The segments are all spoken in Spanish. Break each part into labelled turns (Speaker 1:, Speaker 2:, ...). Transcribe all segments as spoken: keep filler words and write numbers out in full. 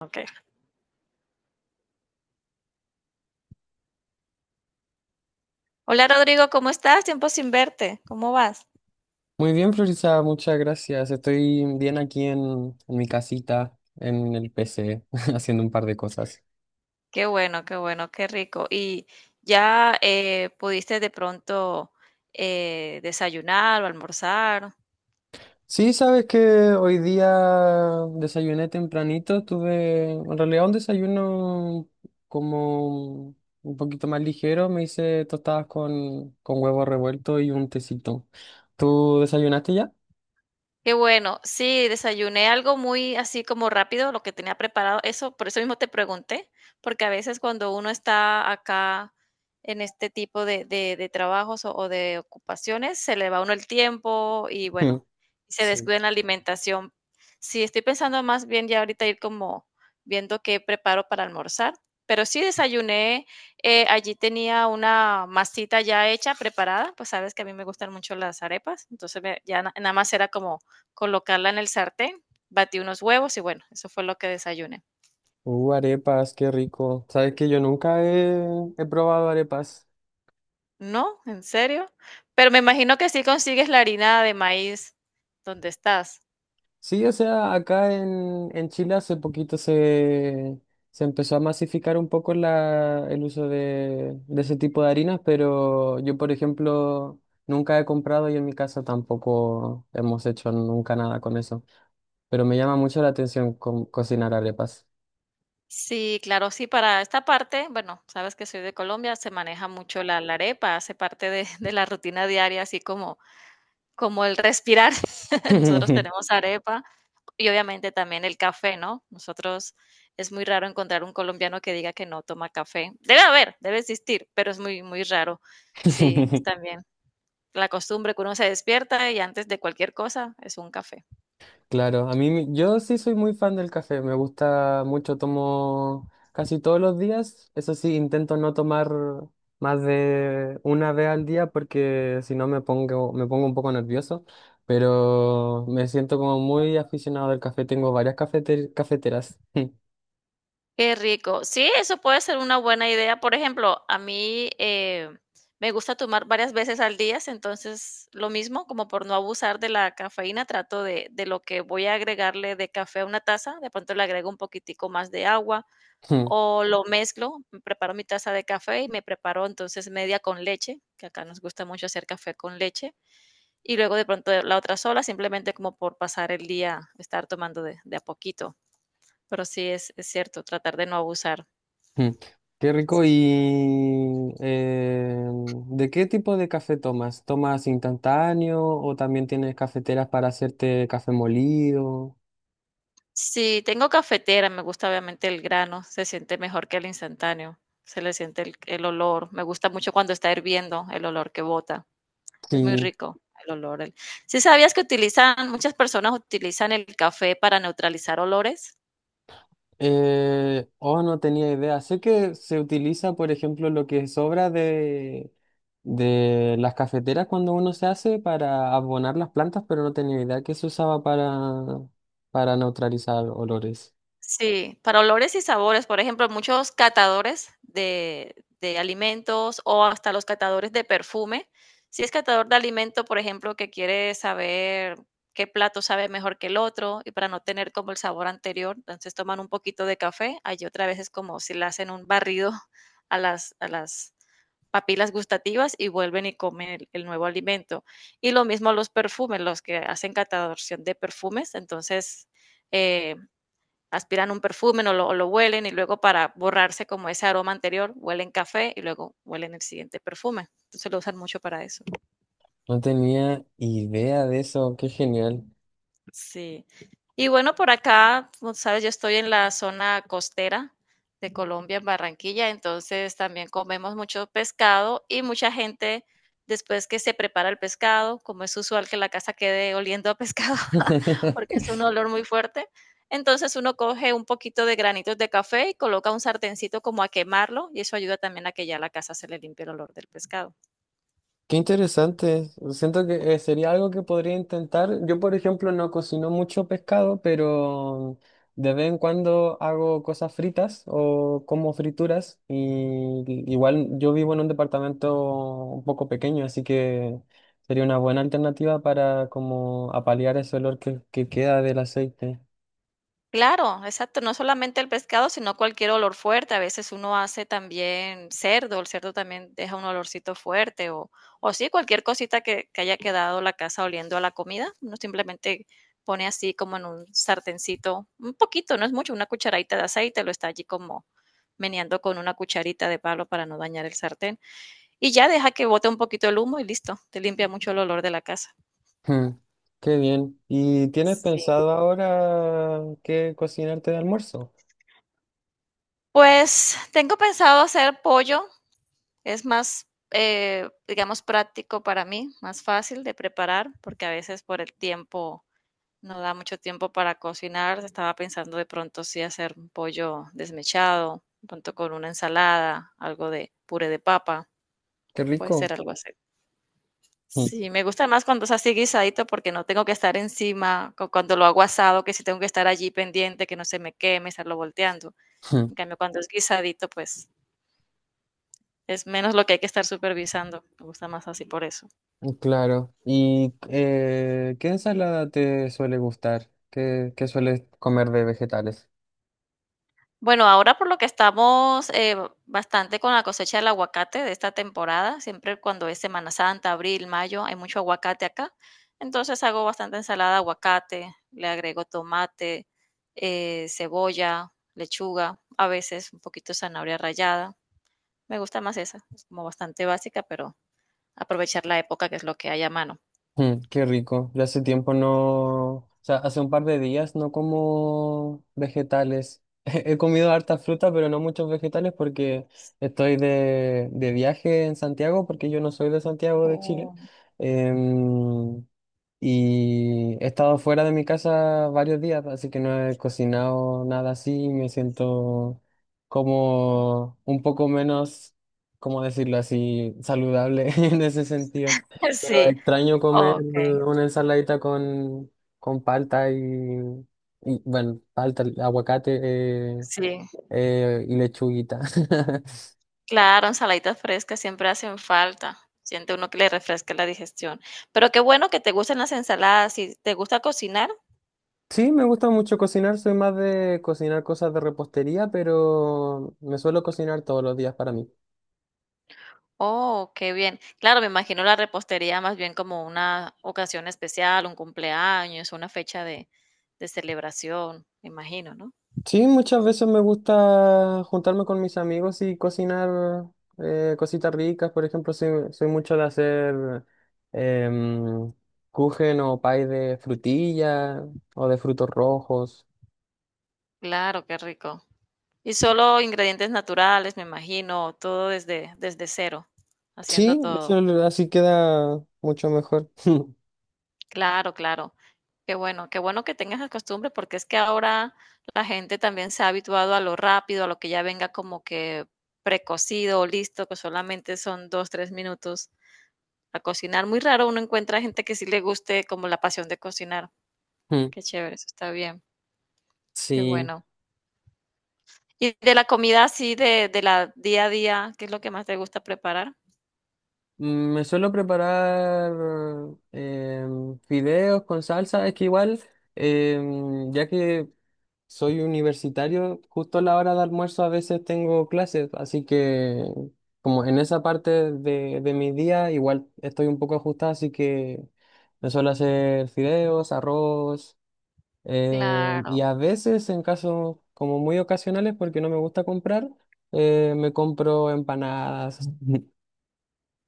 Speaker 1: Okay. Hola Rodrigo, ¿cómo estás? Tiempo sin verte. ¿Cómo vas?
Speaker 2: Muy bien, Florisa, muchas gracias. Estoy bien aquí en, en mi casita, en el P C, haciendo un par de cosas.
Speaker 1: Qué bueno, qué bueno, qué rico. ¿Y ya eh, pudiste de pronto eh, desayunar o almorzar?
Speaker 2: Sí, sabes que hoy día desayuné tempranito, tuve en realidad un desayuno como un poquito más ligero, me hice tostadas con, con huevo revuelto y un tecito. ¿Tú desayunaste ya?
Speaker 1: Qué bueno. Sí, desayuné algo muy así como rápido, lo que tenía preparado. Eso, por eso mismo te pregunté, porque a veces cuando uno está acá en este tipo de, de- de trabajos o, o de ocupaciones, se le va a uno el tiempo y
Speaker 2: Mm.
Speaker 1: bueno, se
Speaker 2: Sí.
Speaker 1: descuida en la alimentación. Sí, estoy pensando más bien ya ahorita ir como viendo qué preparo para almorzar. Pero sí desayuné, eh, allí tenía una masita ya hecha, preparada, pues sabes que a mí me gustan mucho las arepas, entonces me- ya na- nada más era como colocarla en el sartén, batí unos huevos y bueno, eso fue lo que desayuné.
Speaker 2: Uh, arepas, qué rico. Sabes que yo nunca he, he probado arepas.
Speaker 1: No, en serio. Pero me imagino que sí consigues la harina de maíz donde estás.
Speaker 2: Sí, o sea, acá en, en Chile hace poquito se, se empezó a masificar un poco la, el uso de, de ese tipo de harinas, pero yo, por ejemplo, nunca he comprado y en mi casa tampoco hemos hecho nunca nada con eso. Pero me llama mucho la atención co- cocinar arepas.
Speaker 1: Sí, claro, sí, para esta parte, bueno, sabes que soy de Colombia, se maneja mucho la, la arepa, hace parte de, de la rutina diaria, así como, como el respirar. Nosotros tenemos arepa. Y obviamente también el café, ¿no? Nosotros es muy raro encontrar un colombiano que diga que no toma café. Debe haber, debe existir, pero es muy, muy raro. Sí, es también la costumbre que uno se despierta y antes de cualquier cosa es un café.
Speaker 2: Claro, a mí me- yo sí soy muy fan del café, me gusta mucho, tomo casi todos los días, eso sí, intento no tomar más de una vez al día porque si no me pongo, me pongo un poco nervioso, pero me siento como muy aficionado al café, tengo varias cafeter- cafeteras.
Speaker 1: Qué rico. Sí, eso puede ser una buena idea. Por ejemplo, a mí eh, me gusta tomar varias veces al día, entonces lo mismo, como por no abusar de la cafeína, trato de, de lo que voy a agregarle de café a una taza, de pronto le agrego un poquitico más de agua
Speaker 2: Ujú,
Speaker 1: o lo mezclo, me preparo mi taza de café y me preparo entonces media con leche, que acá nos gusta mucho hacer café con leche, y luego de pronto la otra sola, simplemente como por pasar el día, estar tomando de, de a poquito. Pero sí es, es cierto, tratar de no abusar.
Speaker 2: ujú. Qué
Speaker 1: Si
Speaker 2: rico, y eh, ¿de qué tipo de café tomas? ¿Tomas instantáneo o también tienes cafeteras para hacerte café molido?
Speaker 1: tengo cafetera, me gusta obviamente el grano, se siente mejor que el instantáneo, se le siente el, el olor, me gusta mucho cuando está hirviendo el olor que bota. Es muy
Speaker 2: Sí.
Speaker 1: rico el olor. ¿Sí sabías que utilizan, muchas personas utilizan el café para neutralizar olores?
Speaker 2: Eh, oh, no tenía idea. Sé que se utiliza, por ejemplo, lo que sobra de, de las cafeteras cuando uno se hace para abonar las plantas, pero no tenía idea que se usaba para, para neutralizar olores.
Speaker 1: Sí, para olores y sabores, por ejemplo, muchos catadores de de alimentos o hasta los catadores de perfume. Si es catador de alimento, por ejemplo, que quiere saber qué plato sabe mejor que el otro y para no tener como el sabor anterior, entonces toman un poquito de café. Allí otra vez es como si le hacen un barrido a las a las papilas gustativas y vuelven y comen el el nuevo alimento. Y lo mismo los perfumes, los que hacen cataloración de perfumes, entonces, eh, aspiran un perfume o lo, o lo, huelen y luego para borrarse como ese aroma anterior, huelen café y luego huelen el siguiente perfume. Entonces lo usan mucho para eso.
Speaker 2: No tenía idea de eso. Qué genial.
Speaker 1: Sí. Y bueno, por acá, como sabes, yo estoy en la zona costera de Colombia, en Barranquilla, entonces también comemos mucho pescado y mucha gente, después que se prepara el pescado, como es usual que la casa quede oliendo a pescado, porque es un olor muy fuerte, entonces uno coge un poquito de granitos de café y coloca un sartencito como a quemarlo y eso ayuda también a que ya la casa se le limpie el olor del pescado.
Speaker 2: Qué interesante. Siento que eh, sería algo que podría intentar. Yo, por ejemplo, no cocino mucho pescado, pero de vez en cuando hago cosas fritas o como frituras. Y igual yo vivo en un departamento un poco pequeño, así que sería una buena alternativa para como apalear ese olor que, que queda del aceite.
Speaker 1: Claro, exacto, no solamente el pescado, sino cualquier olor fuerte. A veces uno hace también cerdo, el cerdo también deja un olorcito fuerte o, o sí, cualquier cosita que, que haya quedado la casa oliendo a la comida, uno simplemente pone así como en un sartencito, un poquito, no es mucho, una cucharadita de aceite, lo está allí como meneando con una cucharita de palo para no dañar el sartén y ya deja que bote un poquito el humo y listo, te limpia mucho el olor de la casa.
Speaker 2: Hmm. Qué bien. ¿Y tienes
Speaker 1: Sí.
Speaker 2: pensado ahora qué cocinarte de almuerzo?
Speaker 1: Pues tengo pensado hacer pollo. Es más, eh, digamos, práctico para mí, más fácil de preparar, porque a veces por el tiempo no da mucho tiempo para cocinar. Estaba pensando de pronto sí hacer un pollo desmechado, de pronto con una ensalada, algo de puré de papa,
Speaker 2: Qué
Speaker 1: puede
Speaker 2: rico.
Speaker 1: ser algo así.
Speaker 2: Hmm.
Speaker 1: Sí, me gusta más cuando es así guisadito porque no tengo que estar encima, cu- cuando lo hago asado, que sí tengo que estar allí pendiente, que no se me queme, estarlo volteando. En cambio, cuando es guisadito, pues es menos lo que hay que estar supervisando. Me gusta más así por eso.
Speaker 2: Claro. ¿Y eh, qué ensalada te suele gustar? ¿Qué, qué sueles comer de vegetales?
Speaker 1: Bueno, ahora por lo que estamos eh, bastante con la cosecha del aguacate de esta temporada, siempre cuando es Semana Santa, abril, mayo, hay mucho aguacate acá. Entonces hago bastante ensalada de aguacate, le agrego tomate, eh, cebolla, lechuga, a veces un poquito de zanahoria rallada. Me gusta más esa, es como bastante básica, pero aprovechar la época que es lo que hay a mano.
Speaker 2: Mm, qué rico. Yo hace tiempo no, o sea, hace un par de días no como vegetales. He comido harta fruta, pero no muchos vegetales porque estoy de, de viaje en Santiago, porque yo no soy de Santiago de Chile.
Speaker 1: Oh.
Speaker 2: Em, Y he estado fuera de mi casa varios días, así que no he cocinado nada así. Me siento como un poco menos, ¿cómo decirlo así? Saludable en ese sentido. Pero
Speaker 1: Sí,
Speaker 2: extraño comer
Speaker 1: ok,
Speaker 2: una ensaladita con, con palta y, y, bueno, palta, aguacate eh,
Speaker 1: sí.
Speaker 2: eh, y lechuguita.
Speaker 1: Claro, ensaladitas frescas siempre hacen falta. Siente uno que le refresca la digestión. Pero qué bueno que te gustan las ensaladas. ¿Y te gusta cocinar?
Speaker 2: Sí, me gusta mucho cocinar, soy más de cocinar cosas de repostería, pero me suelo cocinar todos los días para mí.
Speaker 1: Oh, qué bien. Claro, me imagino la repostería más bien como una ocasión especial, un cumpleaños, una fecha de, de celebración, me imagino, ¿no?
Speaker 2: Sí, muchas veces me gusta juntarme con mis amigos y cocinar eh, cositas ricas. Por ejemplo, soy, soy mucho de hacer em, kuchen o pie de frutilla o de frutos rojos.
Speaker 1: Claro, qué rico. Y solo ingredientes naturales, me imagino, todo desde, desde cero, haciendo
Speaker 2: Sí,
Speaker 1: todo.
Speaker 2: eso lo- así queda mucho mejor.
Speaker 1: Claro, claro. Qué bueno, qué bueno que tengas la costumbre, porque es que ahora la gente también se ha habituado a lo rápido, a lo que ya venga como que precocido o listo, que solamente son dos, tres minutos a cocinar. Muy raro uno encuentra gente que sí le guste como la pasión de cocinar.
Speaker 2: Mm.
Speaker 1: Qué chévere, eso está bien, qué
Speaker 2: Sí.
Speaker 1: bueno. Y de la comida así, de, de la día a día, ¿qué es lo que más te gusta preparar?
Speaker 2: Mm, Me suelo preparar em, fideos con salsa. Es que igual, em, ya que soy universitario, justo a la hora de almuerzo a veces tengo clases, así que como en esa parte de, de mi día igual estoy un poco ajustada, así que me suelo hacer fideos, arroz eh, y
Speaker 1: Claro,
Speaker 2: a veces en casos como muy ocasionales, porque no me gusta comprar, eh, me compro empanadas.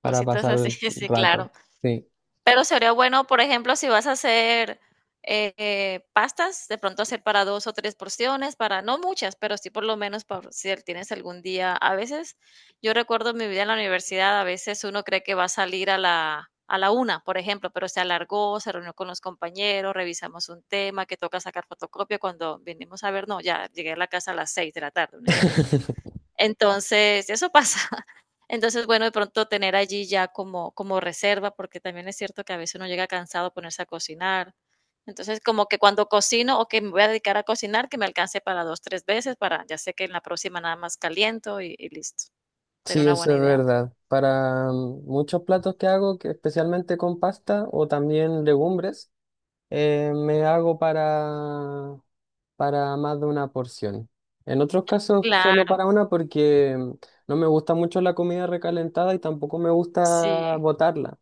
Speaker 2: Para
Speaker 1: cositas
Speaker 2: pasar
Speaker 1: así,
Speaker 2: el
Speaker 1: sí,
Speaker 2: rato.
Speaker 1: claro.
Speaker 2: Sí.
Speaker 1: Pero sería bueno, por ejemplo, si vas a hacer eh, eh, pastas, de pronto hacer para dos o tres porciones, para no muchas, pero sí por lo menos por si tienes algún día. A veces, yo recuerdo mi vida en la universidad, a veces uno cree que va a salir a la, a la una, por ejemplo, pero se alargó, se reunió con los compañeros, revisamos un tema que toca sacar fotocopia cuando venimos a ver, no, ya llegué a la casa a las seis de la tarde, un ejemplo. Entonces, eso pasa. Entonces, bueno, de pronto tener allí ya como, como reserva, porque también es cierto que a veces uno llega cansado a ponerse a cocinar. Entonces, como que cuando cocino o que me voy a dedicar a cocinar, que me alcance para dos, tres veces, para ya sé que en la próxima nada más caliento y, y listo. Sería
Speaker 2: Sí,
Speaker 1: una
Speaker 2: eso
Speaker 1: buena
Speaker 2: es
Speaker 1: idea.
Speaker 2: verdad. Para mm, muchos platos que hago, que especialmente con pasta o también legumbres, eh, me hago para, para más de una porción. En otros casos, solo
Speaker 1: Claro,
Speaker 2: para una porque mm, no me gusta mucho la comida recalentada y tampoco me
Speaker 1: sí.
Speaker 2: gusta botarla.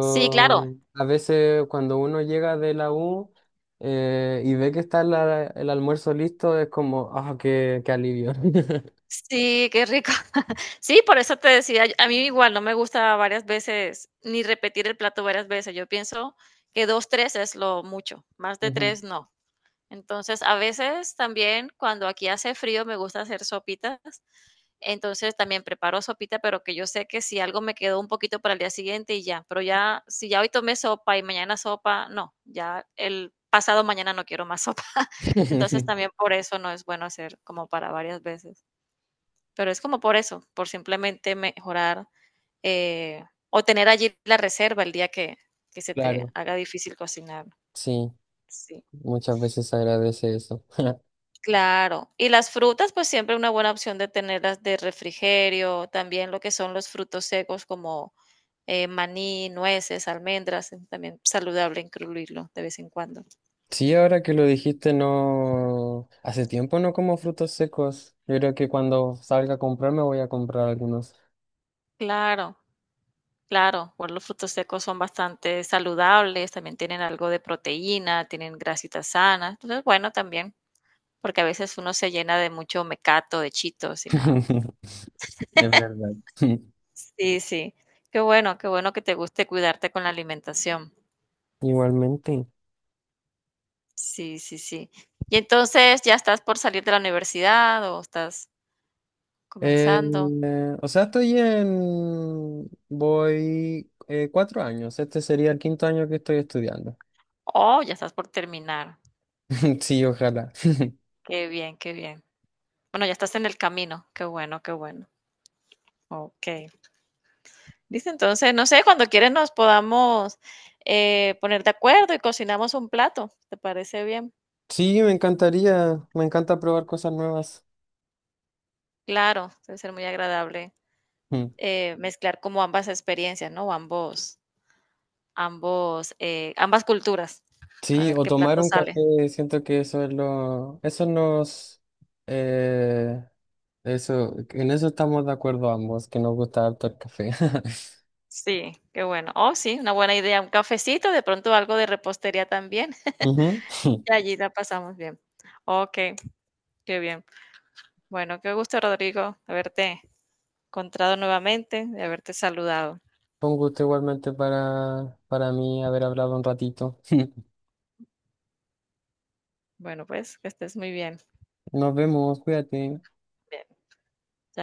Speaker 1: Sí, claro.
Speaker 2: a veces cuando uno llega de la U eh, y ve que está la- el almuerzo listo, es como, ah, qué, qué alivio.
Speaker 1: Sí, qué rico. Sí, por eso te decía, yo- a mí igual no me gusta varias veces ni repetir el plato varias veces. Yo pienso que dos, tres es lo mucho, más de
Speaker 2: Ujú.
Speaker 1: tres, no. Entonces, a veces también cuando aquí hace frío me gusta hacer sopitas. Entonces, también preparo sopita, pero que yo sé que si algo me quedó un poquito para el día siguiente y ya, pero ya si ya hoy tomé sopa y mañana sopa, no, ya el pasado mañana no quiero más sopa. Entonces, también por eso no es bueno hacer como para varias veces. Pero es como por eso, por simplemente mejorar eh, o tener allí la reserva el día que, que se te
Speaker 2: Claro,
Speaker 1: haga difícil cocinar.
Speaker 2: sí,
Speaker 1: Sí.
Speaker 2: muchas veces se agradece eso.
Speaker 1: Claro, y las frutas, pues siempre una buena opción de tenerlas de refrigerio, también lo que son los frutos secos como eh, maní, nueces, almendras, es también saludable incluirlo de vez en cuando.
Speaker 2: Sí, ahora que lo dijiste, no, hace tiempo no como frutos secos. Yo creo que cuando salga a comprar me voy a comprar algunos.
Speaker 1: Claro, claro, bueno, los frutos secos son bastante saludables, también tienen algo de proteína, tienen grasitas sanas, entonces bueno, también. Porque a veces uno se llena de mucho mecato, de chitos y nada.
Speaker 2: Es verdad.
Speaker 1: Sí, sí. Qué bueno, qué bueno que te guste cuidarte con la alimentación.
Speaker 2: Igualmente.
Speaker 1: Sí, sí, sí. Y entonces, ¿ya estás por salir de la universidad o estás
Speaker 2: Eh,
Speaker 1: comenzando?
Speaker 2: eh, o sea, estoy en. Voy eh, cuatro años. Este sería el quinto año que estoy estudiando.
Speaker 1: Oh, ya estás por terminar.
Speaker 2: Sí, ojalá.
Speaker 1: Qué bien, qué bien. Bueno, ya estás en el camino. Qué bueno, qué bueno. Ok. Listo, entonces, no sé, cuando quieres nos podamos eh, poner de acuerdo y cocinamos un plato. ¿Te parece bien?
Speaker 2: Sí, me encantaría. Me encanta probar cosas nuevas.
Speaker 1: Claro, debe ser muy agradable.
Speaker 2: Mm.
Speaker 1: Eh, mezclar como ambas experiencias, ¿no? Ambos, ambos, eh, ambas culturas. A
Speaker 2: Sí,
Speaker 1: ver
Speaker 2: o
Speaker 1: qué
Speaker 2: tomar
Speaker 1: plato
Speaker 2: un
Speaker 1: sale.
Speaker 2: café. Siento que eso es lo. Eso nos. Eh, eso, en eso estamos de acuerdo ambos, que nos gusta harto el café.
Speaker 1: Sí, qué bueno. Oh, sí, una buena idea. Un cafecito, de pronto algo de repostería también.
Speaker 2: Ujú.
Speaker 1: Y allí la pasamos bien. Ok, qué bien. Bueno, qué gusto, Rodrigo, haberte encontrado nuevamente, de haberte saludado.
Speaker 2: Fue un gusto igualmente para, para mí haber hablado un ratito.
Speaker 1: Bueno, pues que estés muy bien.
Speaker 2: Nos vemos, cuídate.
Speaker 1: Bien.